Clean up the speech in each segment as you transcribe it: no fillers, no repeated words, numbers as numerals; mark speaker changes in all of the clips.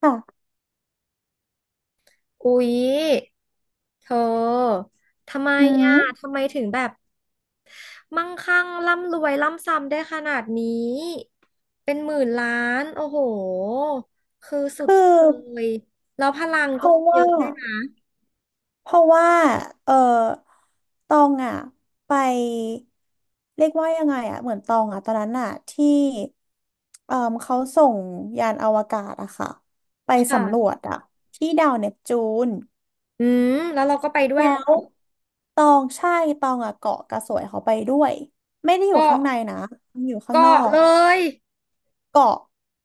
Speaker 1: ค่ะ
Speaker 2: อุ๊ยเธอ ทำไม
Speaker 1: อื
Speaker 2: อ่ะ
Speaker 1: ม
Speaker 2: ทำไมถึงแบบมั่งคั่งร่ำรวยร่ำซ้ำได้ขนาดนี้ เป็นหมื่นล้านโอ้โหคือสุ
Speaker 1: คือ
Speaker 2: ดๆเลยแล้วพลัง
Speaker 1: เพ
Speaker 2: ก็
Speaker 1: ราะ
Speaker 2: เย
Speaker 1: ว่า
Speaker 2: อะด้วยนะ
Speaker 1: เพราะว่าเออตองอ่ะไปเรียกว่ายังไงอ่ะ เหมือนตองอ่ะตอนนั้นอ่ะที่เออเขาส่งยานอวกาศอะค่ะไปสำรว
Speaker 2: ค่ะ
Speaker 1: จอะที่ดาวเนปจูน
Speaker 2: อืมแล้วเราก็ไปด้วย
Speaker 1: แล้
Speaker 2: เหรอ
Speaker 1: วตองใช่ ตองอ่ะเกาะกระสวยเขาไปด้วย ไม่ได้อยู่
Speaker 2: ก็
Speaker 1: ข้างในนะอยู่ข้าง
Speaker 2: ก็
Speaker 1: นอก
Speaker 2: เลย
Speaker 1: เกาะ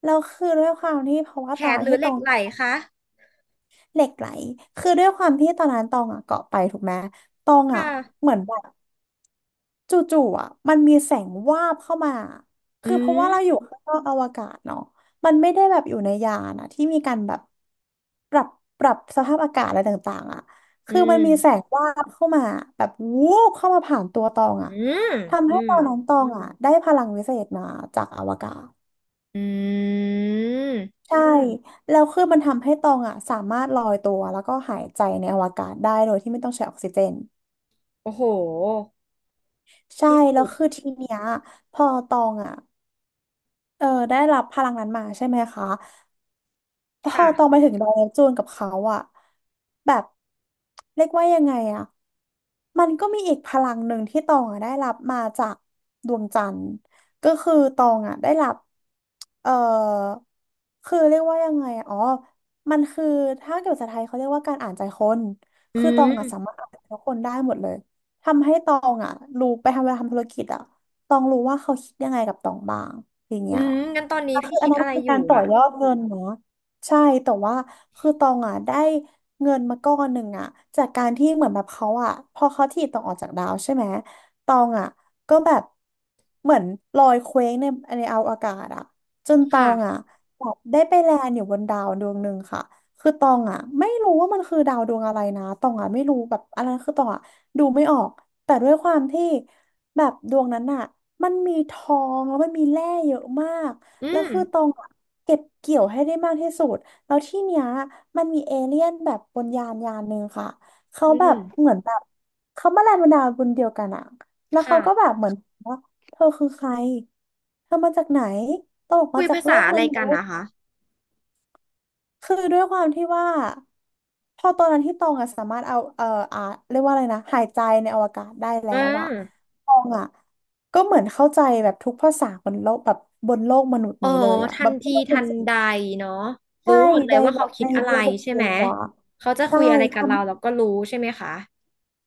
Speaker 1: แล้วคือด้วยความที่เพราะว่า
Speaker 2: แข
Speaker 1: ตอน
Speaker 2: น
Speaker 1: นั้
Speaker 2: ห
Speaker 1: น
Speaker 2: รือ
Speaker 1: ที่
Speaker 2: เห
Speaker 1: ต
Speaker 2: ล็
Speaker 1: อ
Speaker 2: ก
Speaker 1: ง
Speaker 2: ไหลคะ
Speaker 1: เหล็กไหลคือด้วยความที่ตอนนั้นตองอ่ะเกาะไปถูกไหมตอง
Speaker 2: ค
Speaker 1: อ่ะ
Speaker 2: ่ะ
Speaker 1: เหมือนแบบจู่ๆอ่ะมันมีแสงวาบเข้ามา
Speaker 2: อื
Speaker 1: คือเพราะว่า
Speaker 2: ม
Speaker 1: เราอยู่ข้างนอกอวกาศเนาะมันไม่ได้แบบอยู่ในยานอ่ะที่มีการแบบปรับปรับสภาพอากาศอะไรต่างๆอ่ะ
Speaker 2: อื
Speaker 1: คือ
Speaker 2: ม
Speaker 1: มันมีแสงวาบเข้ามาแบบวูบเข้ามาผ่านตัวตอง
Speaker 2: อื
Speaker 1: อ่ะ
Speaker 2: ม
Speaker 1: ทำ
Speaker 2: อื
Speaker 1: ให้ต
Speaker 2: ม
Speaker 1: อนนั้นตองอ่ะได้พลังวิเศษมาจากอวกาศ
Speaker 2: อืม
Speaker 1: ใช่แล้วคือมันทำให้ตองอ่ะสามารถลอยตัวแล้วก็หายใจในอวกาศได้โดยที่ไม่ต้องใช้ออกซิเจน
Speaker 2: โอ้โห
Speaker 1: ใช่
Speaker 2: ที่
Speaker 1: แล้
Speaker 2: สุ
Speaker 1: ว
Speaker 2: ด
Speaker 1: คือทีเนี้ยพอตองอ่ะได้รับพลังนั้นมาใช่ไหมคะ พอ
Speaker 2: ค่ะ
Speaker 1: ตองไปถึงดอยปจูนกับเขาอะแบบเรียกว่ายังไงอะมันก็มีอีกพลังหนึ่งที่ตองอะได้รับมาจากดวงจันทร์ก็คือตองอะได้รับเอ่อคือเรียกว่ายังไงอะอ๋อมันคือถ้าเกิดภาษาไทยเขาเรียกว่าการอ่านใจคน
Speaker 2: อื
Speaker 1: คือตองอะสา
Speaker 2: ม
Speaker 1: มารถอ่านใจคนได้หมดเลยทำให้ตองอะรู้ไปทำเวลาทำธุรกิจอะตองรู้ว่าเขาคิดยังไงกับตองบ้างอย่างเงี้
Speaker 2: อื
Speaker 1: ย
Speaker 2: มงั้นตอนนี้
Speaker 1: คื
Speaker 2: พี่
Speaker 1: ออัน
Speaker 2: คิด
Speaker 1: นั้น
Speaker 2: อะไร
Speaker 1: คือ
Speaker 2: อยู่
Speaker 1: การต่อ
Speaker 2: อ่ะ
Speaker 1: ยอดเงินเนาะใช่แต่ว่าคือตองอ่ะได้เงินมาก้อนหนึ่งอ่ะจากการที่เหมือนแบบเขาอ่ะพอเขาถีบตองออกจากดาวใช่ไหมตองอ่ะก็แบบเหมือนลอยเคว้งในอวกาศอ่ะจนตอ
Speaker 2: ค่ะ
Speaker 1: งอ่ะแบบได้ไปแลนด์อยู่บนดาวดวงหนึ่งค่ะคือตองอ่ะไม่รู้ว่ามันคือดาวดวงอะไรนะตองอ่ะไม่รู้แบบอะไรคือตองอ่ะดูไม่ออกแต่ด้วยความที่แบบดวงนั้นอ่ะมันมีทองแล้วมันมีแร่เยอะมาก
Speaker 2: อื
Speaker 1: แล้ว
Speaker 2: ม
Speaker 1: คือตองอะเก็บเกี่ยวให้ได้มากที่สุดแล้วที่เนี้ยมันมีเอเลี่ยนแบบบนยานหนึ่งค่ะเขา
Speaker 2: อื
Speaker 1: แบบ
Speaker 2: ม
Speaker 1: เหมือนแบบเขามาแรงบันดาลบุญเดียวกันอะแล้วเขา
Speaker 2: ค่ะ
Speaker 1: ก็แบบเหมือนว่าเธอคือใครเธอมาจากไหนตองบอก
Speaker 2: คุ
Speaker 1: มา
Speaker 2: ย
Speaker 1: จาก
Speaker 2: ภา
Speaker 1: โล
Speaker 2: ษา
Speaker 1: ก
Speaker 2: อะ
Speaker 1: ม
Speaker 2: ไร
Speaker 1: นุ
Speaker 2: กัน
Speaker 1: ษ
Speaker 2: นะ
Speaker 1: ย์
Speaker 2: คะ
Speaker 1: คือด้วยความที่ว่า พอตอนนั้นที่ตองอะสามารถเอาอ่าเรียกว่าอะไรนะหายใจในอวกาศได้แล้
Speaker 2: อื
Speaker 1: ว
Speaker 2: ม
Speaker 1: อะตองอะก็เหมือนเข้าใจแบบทุกภาษาบนโลกแบบบนโลกมนุษย์
Speaker 2: อ๋อ
Speaker 1: นี้เลยอะ
Speaker 2: ทั
Speaker 1: แบ
Speaker 2: น
Speaker 1: บไม่
Speaker 2: ที
Speaker 1: ต้องส
Speaker 2: ทั
Speaker 1: น
Speaker 2: น
Speaker 1: ใจ
Speaker 2: ใดเนาะรู้
Speaker 1: ใช่
Speaker 2: หมดเล
Speaker 1: ใน
Speaker 2: ยว่า
Speaker 1: แบ
Speaker 2: เขา
Speaker 1: บ
Speaker 2: คิ
Speaker 1: ใน
Speaker 2: ดอะไร
Speaker 1: ระบบ
Speaker 2: ใช่
Speaker 1: สื่
Speaker 2: ไหม
Speaker 1: ออะ
Speaker 2: เขาจะ
Speaker 1: ใช่
Speaker 2: คุยอะไรกับ
Speaker 1: ทำ
Speaker 2: เราเราก็รู้ใช่ไหมคะ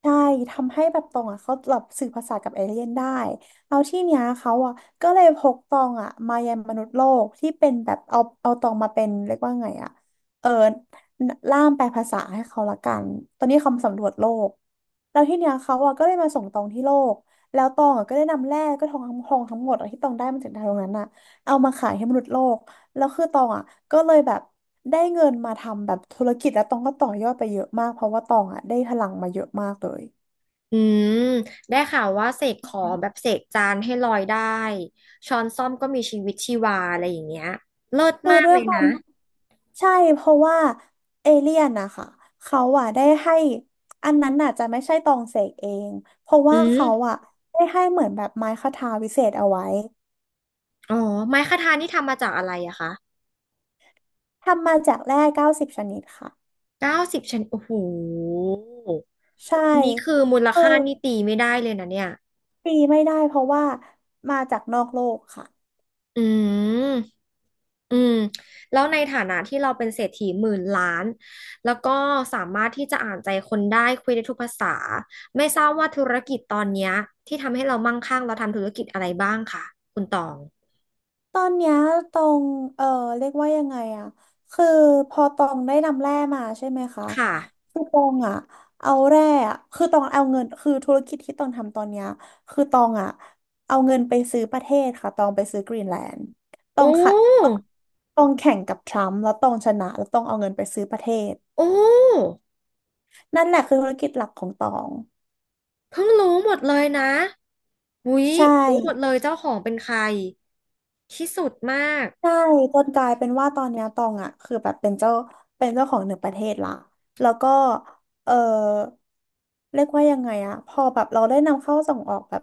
Speaker 1: ใช่ทำให้แบบตองอ่ะเขาแบบสื่อภาษากับเอเลี่ยนได้เอาที่เนี้ยเขาอ่ะก็เลยพกตองอ่ะมายังมนุษย์โลกที่เป็นแบบเอาตองมาเป็นเรียกว่าไงอ่ะเออล่ามแปลภาษาให้เขาละกันตอนนี้เขาสำรวจโลกแล้วที่เนี้ยเขาอ่ะก็เลยมาส่งตองที่โลกแล้วตองอ่ะก็ได้นำแร่ก็ทองคำทองทั้งหมดอะที่ตองได้มาจากดาวดวงนั้นอ่ะเอามาขายให้มนุษย์โลก แล้วคือตองอ่ะก็เลยแบบได้เงินมาทำแบบธุรกิจแล้วตองก็ต่อยอดไปเยอะมากเพราะว่าตองอ่ะได้พลังมาเยอะมากเลย
Speaker 2: อืมได้ข่าวว่าเสกของแบบเสกจานให้ลอยได้ช้อนส้อมก็มีชีวิตชีวาอะไรอย่างเงี้ยเลิศ
Speaker 1: คือ
Speaker 2: มาก
Speaker 1: ด้ว
Speaker 2: เล
Speaker 1: ย
Speaker 2: ย
Speaker 1: ควา
Speaker 2: นะ
Speaker 1: มใช่เพราะว่าเอเลี่ยนนะคะเขาอ่ะได้ให้อันนั้นน่ะจะไม่ใช่ตองเสกเองเพราะ
Speaker 2: อื
Speaker 1: ว่าเขา
Speaker 2: ม
Speaker 1: อ่ะได้ให้เหมือนแบบไม้คทาวิเศษเอาไว้
Speaker 2: อ๋อไม้คทานี่ทำมาจากอะไรอะคะ
Speaker 1: ทำมาจากแร่90ชนิดค่ะ
Speaker 2: 90ชนิดโอ้โห
Speaker 1: ใช่
Speaker 2: อันนี้คือมูล
Speaker 1: เออ
Speaker 2: ค่านี่ตีไม่ได้เลยนะเนี่ย
Speaker 1: ตีไม่ได้เพราะว่ามาจากนอกโลกค่ะ
Speaker 2: อืมอืมแล้วในฐานะที่เราเป็นเศรษฐีหมื่นล้าน แล้วก็สามารถที่จะอ่านใจคนได้คุยได้ทุกภาษาไม่ทราบว่าธุรกิจตอนเนี้ยที่ทำให้เรามั่งคั่งเราทำธุรกิจอะไรบ้างคะคุณตอง
Speaker 1: ตอนเนี้ยตองเออเรียกว่ายังไงอะคือพอตองได้นำแร่มาใช่ไหมคะ
Speaker 2: ค่ะ
Speaker 1: คือตองอะเอาแร่อะคือตองเอาเงินคือธุรกิจที่ตองทำตอนเนี้ยคือตองอะเอาเงินไปซื้อประเทศค่ะตองไปซื้อกรีนแลนด์ตอ
Speaker 2: โอ้
Speaker 1: งขัดตองตองแข่งกับทรัมป์แล้วตองชนะแล้วตองเอาเงินไปซื้อประเทศ
Speaker 2: โอ้
Speaker 1: นั่นแหละคือธุรกิจหลักของตอง
Speaker 2: เพิ่งรู้หมดเลยนะอุ๊ย
Speaker 1: ใช่
Speaker 2: รู้หมดเลยเจ้าของเป็นใครที่สุดมาก
Speaker 1: ใช่จนกลายเป็นว่าตอนเนี้ยตองอ่ะคือแบบเป็นเจ้าของหนึ่งประเทศละแล้วก็เออเรียกว่ายังไงอ่ะพอแบบเราได้นำเข้าส่งออกแบบ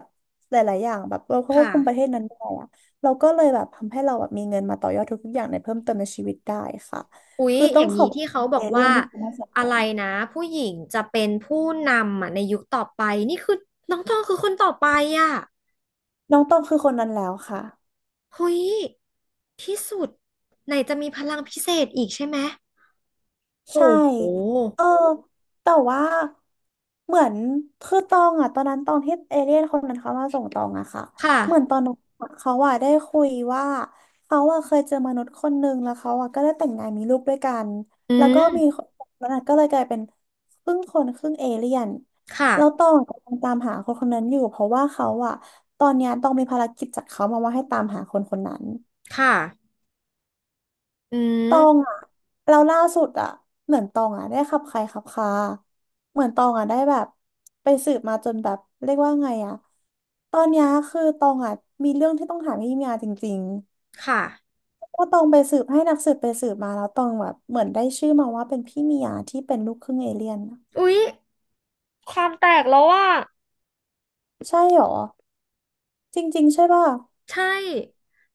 Speaker 1: หลายๆอย่างแบบเราควบคุมประเท
Speaker 2: ค่ะ
Speaker 1: ศนั้นได้อ่ะเราก็เลยแบบทำให้เราแบบมีเงินมาต่อยอดทุกๆอย่างในเพิ่มเติมในชีวิตได้ค่ะ
Speaker 2: อุ๊ย
Speaker 1: คือต้
Speaker 2: อ
Speaker 1: อง
Speaker 2: ย่าง
Speaker 1: ขอ
Speaker 2: นี้
Speaker 1: บ
Speaker 2: ที่
Speaker 1: คุ
Speaker 2: เขา
Speaker 1: ณ
Speaker 2: บ
Speaker 1: เอ
Speaker 2: อก
Speaker 1: เลี่ย
Speaker 2: ว่า
Speaker 1: นที่คุณให้สอ
Speaker 2: อะไร
Speaker 1: น
Speaker 2: นะผู้หญิงจะเป็นผู้นำอ่ะในยุคต่อไปนี่คือน้องตองคือคนต่อไปอ่ะ
Speaker 1: น้องตองคือคนนั้นแล้วค่ะ
Speaker 2: เฮ้ยที่สุดไหนจะมีพลังพิเศษอีกใช่ไหม
Speaker 1: ใช่
Speaker 2: โห
Speaker 1: เออแต่ว่าเหมือนคือตองอะตอนนั้นตองที่เอเลี่ยนคนนั้นเขามาส่งตองอะค่ะ
Speaker 2: ค่ะ
Speaker 1: เหมือนตอนนั้นเขาอะได้คุยว่าเขาอะเคยเจอมนุษย์คนหนึ่งแล้วเขาอะก็ได้แต่งงานมีลูกด้วยกัน
Speaker 2: อื
Speaker 1: แล้วก็มี
Speaker 2: ม
Speaker 1: คนคนนั้นก็เลยกลายเป็นครึ่งคนครึ่งเอเลี่ยนแล้วต
Speaker 2: ค่ะ
Speaker 1: องกำลังตามหาคนคนนั้นอยู่เพราะว่าเขาอะตอนเนี้ยตองมีภารกิจจากเขามาว่าให้ตามหาคนคนนั้น
Speaker 2: ค่ะอื
Speaker 1: ตอง
Speaker 2: ม
Speaker 1: อ่ะเราล่าสุดอ่ะเหมือนตองอ่ะได้ขับใครขับคาเหมือนตองอ่ะได้แบบไปสืบมาจนแบบเรียกว่าไงอ่ะตอนเนี้ยคือตองอ่ะมีเรื่องที่ต้องถามพี่มียาจริง
Speaker 2: ค่ะ
Speaker 1: ๆว่าตองไปสืบให้นักสืบไปสืบมาแล้วตองแบบเหมือนได้ชื่อมาว่าเป็นพี่มียาที่เป็นลูกครึ่งเอเลี่ยนอะ
Speaker 2: อุ๊ยความแตกแล้วว่า
Speaker 1: ใช่หรอจริงๆใช่ป่ะ
Speaker 2: ใช่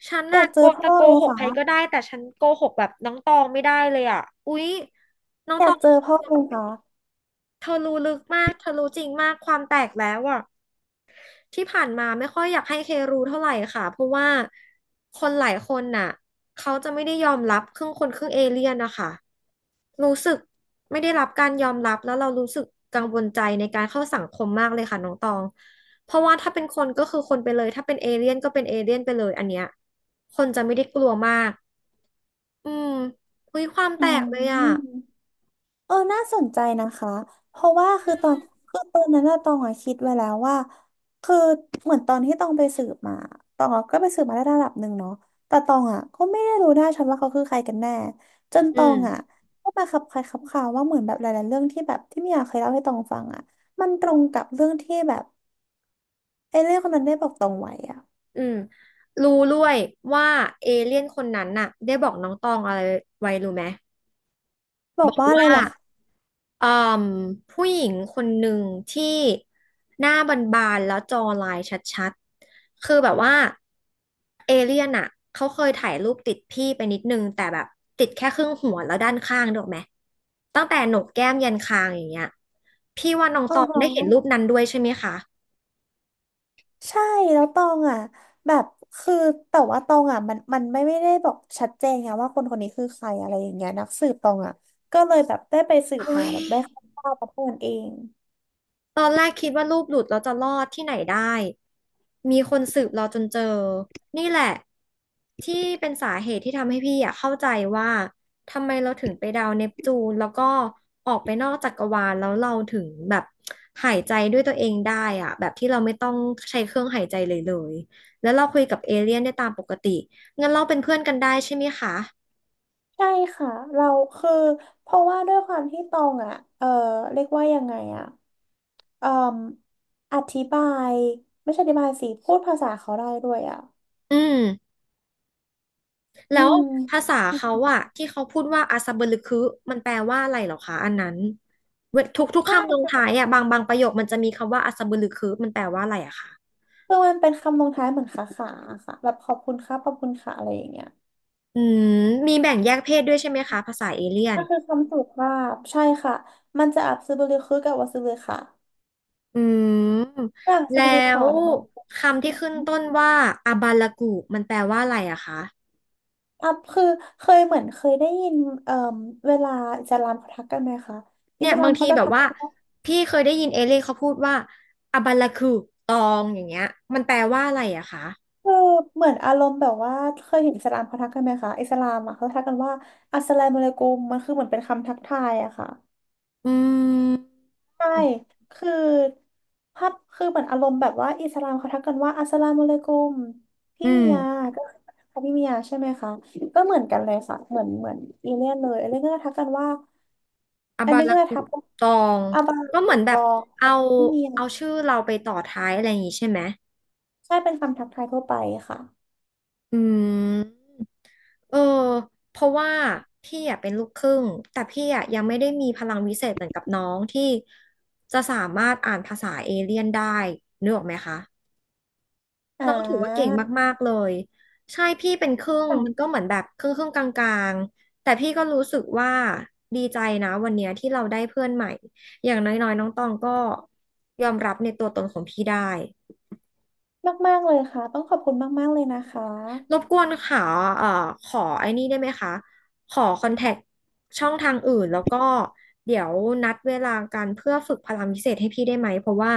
Speaker 2: ฉัน
Speaker 1: อ
Speaker 2: น่ะ
Speaker 1: ยากเจอพ่อ
Speaker 2: โก
Speaker 1: เลย
Speaker 2: หกใครก็
Speaker 1: ค่ะ
Speaker 2: ได้แต่ฉันโกหกแบบน้องตองไม่ได้เลยอ่ะอุ๊ยน้อง
Speaker 1: อ
Speaker 2: ต
Speaker 1: ยา
Speaker 2: อ
Speaker 1: ก
Speaker 2: ง
Speaker 1: เจอพ่อเลยค่ะ
Speaker 2: เธอรู้ลึกมากเธอรู้จริงมากความแตกแล้วอ่ะที่ผ่านมาไม่ค่อยอยากให้เครู้เท่าไหร่ค่ะเพราะว่าคนหลายคนน่ะเขาจะไม่ได้ยอมรับครึ่งคนครึ่งเอเลี่ยนนะคะรู้สึกไม่ได้รับการยอมรับแล้วเรารู้สึกกังวลใจในการเข้าสังคมมากเลยค่ะน้องตองเพราะว่าถ้าเป็นคนก็คือคนไปเลยถ้าเป็นเอเลี่ยนก็เป็นเอเลี่ยนไปเลยอันเนี้ยคนจะไม่ได้กลัวมากอืมอุ้ยความ
Speaker 1: อื
Speaker 2: แต
Speaker 1: ม
Speaker 2: กเลยอ่ะ
Speaker 1: น่าสนใจนะคะ เพราะว่าคือตอนคือตอนนั้นอะตองอะคิดไว้แล้วว่าคือเหมือนตอนที่ตองไปสืบมาตองอะก็ไปสืบมาได้ระดับหนึ่งเนาะแต่ตองอะก็ไม่ได้รู้ได้ชัดว่าเขาคือใครกันแน่จนต
Speaker 2: อื
Speaker 1: อ
Speaker 2: ม
Speaker 1: งอะก็มาคับใครคับข่าวว่าเหมือนแบบหลายๆเรื่องที่แบบที่เมียเคยเล่าให้ตองฟังอะมันตรงกับเรื่องที่แบบไอ้เรื่องคนนั้นได้บอกตองไว้อะ
Speaker 2: อืมรู้ด้วยว่าเอเลี่ยนคนนั้นน่ะได้บอกน้องตองอะไรไว้รู้ไหม
Speaker 1: บอกว่าอะไร
Speaker 2: ว่า
Speaker 1: เหรอคะ
Speaker 2: เอ่มผู้หญิงคนหนึ่งที่หน้าบานๆแล้วจอลายชัดๆคือแบบว่าเอเลี่ยนอ่ะเขาเคยถ่ายรูปติดพี่ไปนิดนึงแต่แบบติดแค่ครึ่งหัวแล้วด้านข้างถูกไหมตั้งแต่โหนกแก้มยันคางอย่างเงี้ยพี่ว่าน้อง
Speaker 1: อ๋
Speaker 2: ตองได้เห็นรู
Speaker 1: อ
Speaker 2: ปนั้นด้วยใช่ไหมคะ
Speaker 1: ใช่แล้วตองอ่ะแบบคือแต่ว่าตองอ่ะมันไม่ได้บอกชัดเจนไงว่าคนคนนี้คือใครอะไรอย่างเงี้ยนักสืบตองอ่ะก็เลยแบบได้ไปสืบ
Speaker 2: เฮ้
Speaker 1: มา
Speaker 2: ย
Speaker 1: แบบได้คร่าวๆประเทศเอง
Speaker 2: ตอนแรกคิดว่ารูปหลุดแล้วจะรอดที่ไหนได้ มีคนสืบเราจนเจอ นี่แหละที่เป็นสาเหตุที่ทำให้พี่อะเข้าใจว่า ทำไมเราถึงไปดาวเนปจูนแล้วก็ออกไปนอกจักรวาลแล้วเราถึงแบบหายใจด้วยตัวเองได้อะแบบที่เราไม่ต้องใช้เครื่องหายใจเลย แล้วเราคุยกับเอเลี่ยนได้ตามปกติ งั้นเราเป็นเพื่อนกันได้ใช่ไหมคะ
Speaker 1: ใช่ค่ะเราคือเพราะว่าด้วยความที่ตองอ่ะเออเรียกว่ายังไงอ่ะเอ่ออธิบายไม่ใช่อธิบายสิพูดภาษาเขาได้ด้วยอ่ะ
Speaker 2: อืม
Speaker 1: อื
Speaker 2: แล้ว
Speaker 1: ม
Speaker 2: ภาษาเขาอะที่เขาพูดว่าอาซาเบลึคือมันแปลว่าอะไรเหรอคะอันนั้นเวทุก
Speaker 1: ถ
Speaker 2: คำลง
Speaker 1: ้า
Speaker 2: ท้ายอะบางประโยคมันจะมีคำว่าอาซาเบลึคือมันแปลว่าอะไรอะคะ
Speaker 1: คือมันเป็นคำลงท้ายเหมือนขาขาค่ะแบบขอบคุณครับขอบคุณค่ะอะไรอย่างเงี้ย
Speaker 2: อืมมีแบ่งแยกเพศด้วยใช่ไหมคะภาษาเอเลี่ยน
Speaker 1: ก็คือคำสุภาพใช่ค่ะ มันจะอับซึบุลือคือกับวาซึบุลือค่ะ
Speaker 2: อืม
Speaker 1: ฝรั่งซึ
Speaker 2: แล้
Speaker 1: บุลือค่ะ
Speaker 2: ว
Speaker 1: เนี่ยมันเป็นผู้
Speaker 2: คำ
Speaker 1: ห
Speaker 2: ที่
Speaker 1: ญิง
Speaker 2: ขึ้นต้นว่าอาบาลากูมันแปลว่าอะไรอะคะ
Speaker 1: อับคือเคยเหมือนเคยได้ยินเอ่มเวลาอิสลามเขาทักกันไหมคะอิ
Speaker 2: เนี่ย
Speaker 1: สลา
Speaker 2: บา
Speaker 1: ม
Speaker 2: งที
Speaker 1: เขาจะ
Speaker 2: แบบ
Speaker 1: ทัก
Speaker 2: ว่า
Speaker 1: กันว่า
Speaker 2: พี่เคยได้ยินเอเลี่ยนเขาพูดว่าอาบาลากูตองอย่างเงี้ยมันแปลว่าอะไรอะคะ
Speaker 1: คือเหมือนอารมณ์แบบว่าเคยเห็นอิสลามเขาทักกันไหมคะอิสลามอ่ะเขาทักกันว่าอัสสลามุอะลัยกุมมันคือเหมือนเป็นคำทักทายอะค่ะ
Speaker 2: อืม
Speaker 1: ใช่คือภาพคือเหมือนอารมณ์แบบว่าอิสลามเขาทักกันว่าอัสสลามุอะลัยกุมพี่
Speaker 2: อื
Speaker 1: เมีย
Speaker 2: ม
Speaker 1: ก็ค่ะพี่เมียใช่ไหมคะก็เหมือนกันเลยค่ะเหมือนอีเลียนเลยอีเลียนก็จะทักกันว่า
Speaker 2: อา
Speaker 1: อัน
Speaker 2: บา
Speaker 1: นี้
Speaker 2: รา
Speaker 1: ก็จะ
Speaker 2: กุ
Speaker 1: ทักว่า
Speaker 2: ตอง
Speaker 1: อาบา
Speaker 2: ก็เห
Speaker 1: ตุ
Speaker 2: มือนแบ
Speaker 1: ต
Speaker 2: บ
Speaker 1: อ
Speaker 2: เอา
Speaker 1: งพี่เมีย
Speaker 2: เอาชื่อเราไปต่อท้ายอะไรอย่างงี้ใช่ไหม
Speaker 1: ใช่เป็นคำทักทายทั่วไปค่ะ
Speaker 2: อืมเออเพราะว่าพี่อะเป็นลูกครึ่งแต่พี่อะยังไม่ได้มีพลังวิเศษเหมือนกับน้องที่จะสามารถอ่านภาษาเอเลี่ยนได้นึกออกไหมคะ
Speaker 1: อ่
Speaker 2: น้องถือว่าเก่ง
Speaker 1: า
Speaker 2: มากๆ เลยใช่พี่เป็นครึ่งมันก็
Speaker 1: ค่ะ
Speaker 2: เหมือนแบบครึ่งครึ่งกลางๆแต่พี่ก็รู้สึกว่าดีใจนะวันเนี้ยที่เราได้เพื่อนใหม่อย่างน้อยๆน้องตองก็ยอมรับในตัวตนของพี่ได้
Speaker 1: มากๆเลยค่ะต้องขอบคุณมากๆเลยนะคะ
Speaker 2: รบกวนค่ะเอ่อขอไอ้นี่ได้ไหมคะขอคอนแทคช่องทางอื่นแล้วก็เดี๋ยวนัดเวลากันเพื่อฝึกพลังพิเศษให้พี่ได้ไหมเพราะว่า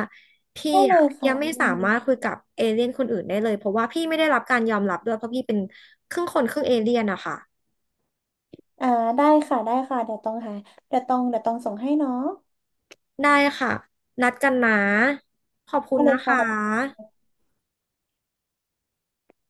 Speaker 2: พี่
Speaker 1: ได้เล
Speaker 2: อะ
Speaker 1: ย
Speaker 2: ยั
Speaker 1: ค่ะ
Speaker 2: งไม่สา
Speaker 1: มี
Speaker 2: มารถคุยกับเอเลี่ยนคนอื่นได้เลยเพราะว่าพี่ไม่ได้รับการยอมรับด้วยเพราะพี่เป็นครึ่งคนครึ่งเอเลี่ยนอะค่ะ
Speaker 1: อ่าได้ค่ะได้ค่ะเดี๋ยวต้องหาเดี๋ยวต้องส่งให้เนาะ
Speaker 2: ได้ค่ะนัดกันนะขอบคุ
Speaker 1: ได้
Speaker 2: ณ
Speaker 1: เล
Speaker 2: นะ
Speaker 1: ย
Speaker 2: ค
Speaker 1: ค่ะ
Speaker 2: ะ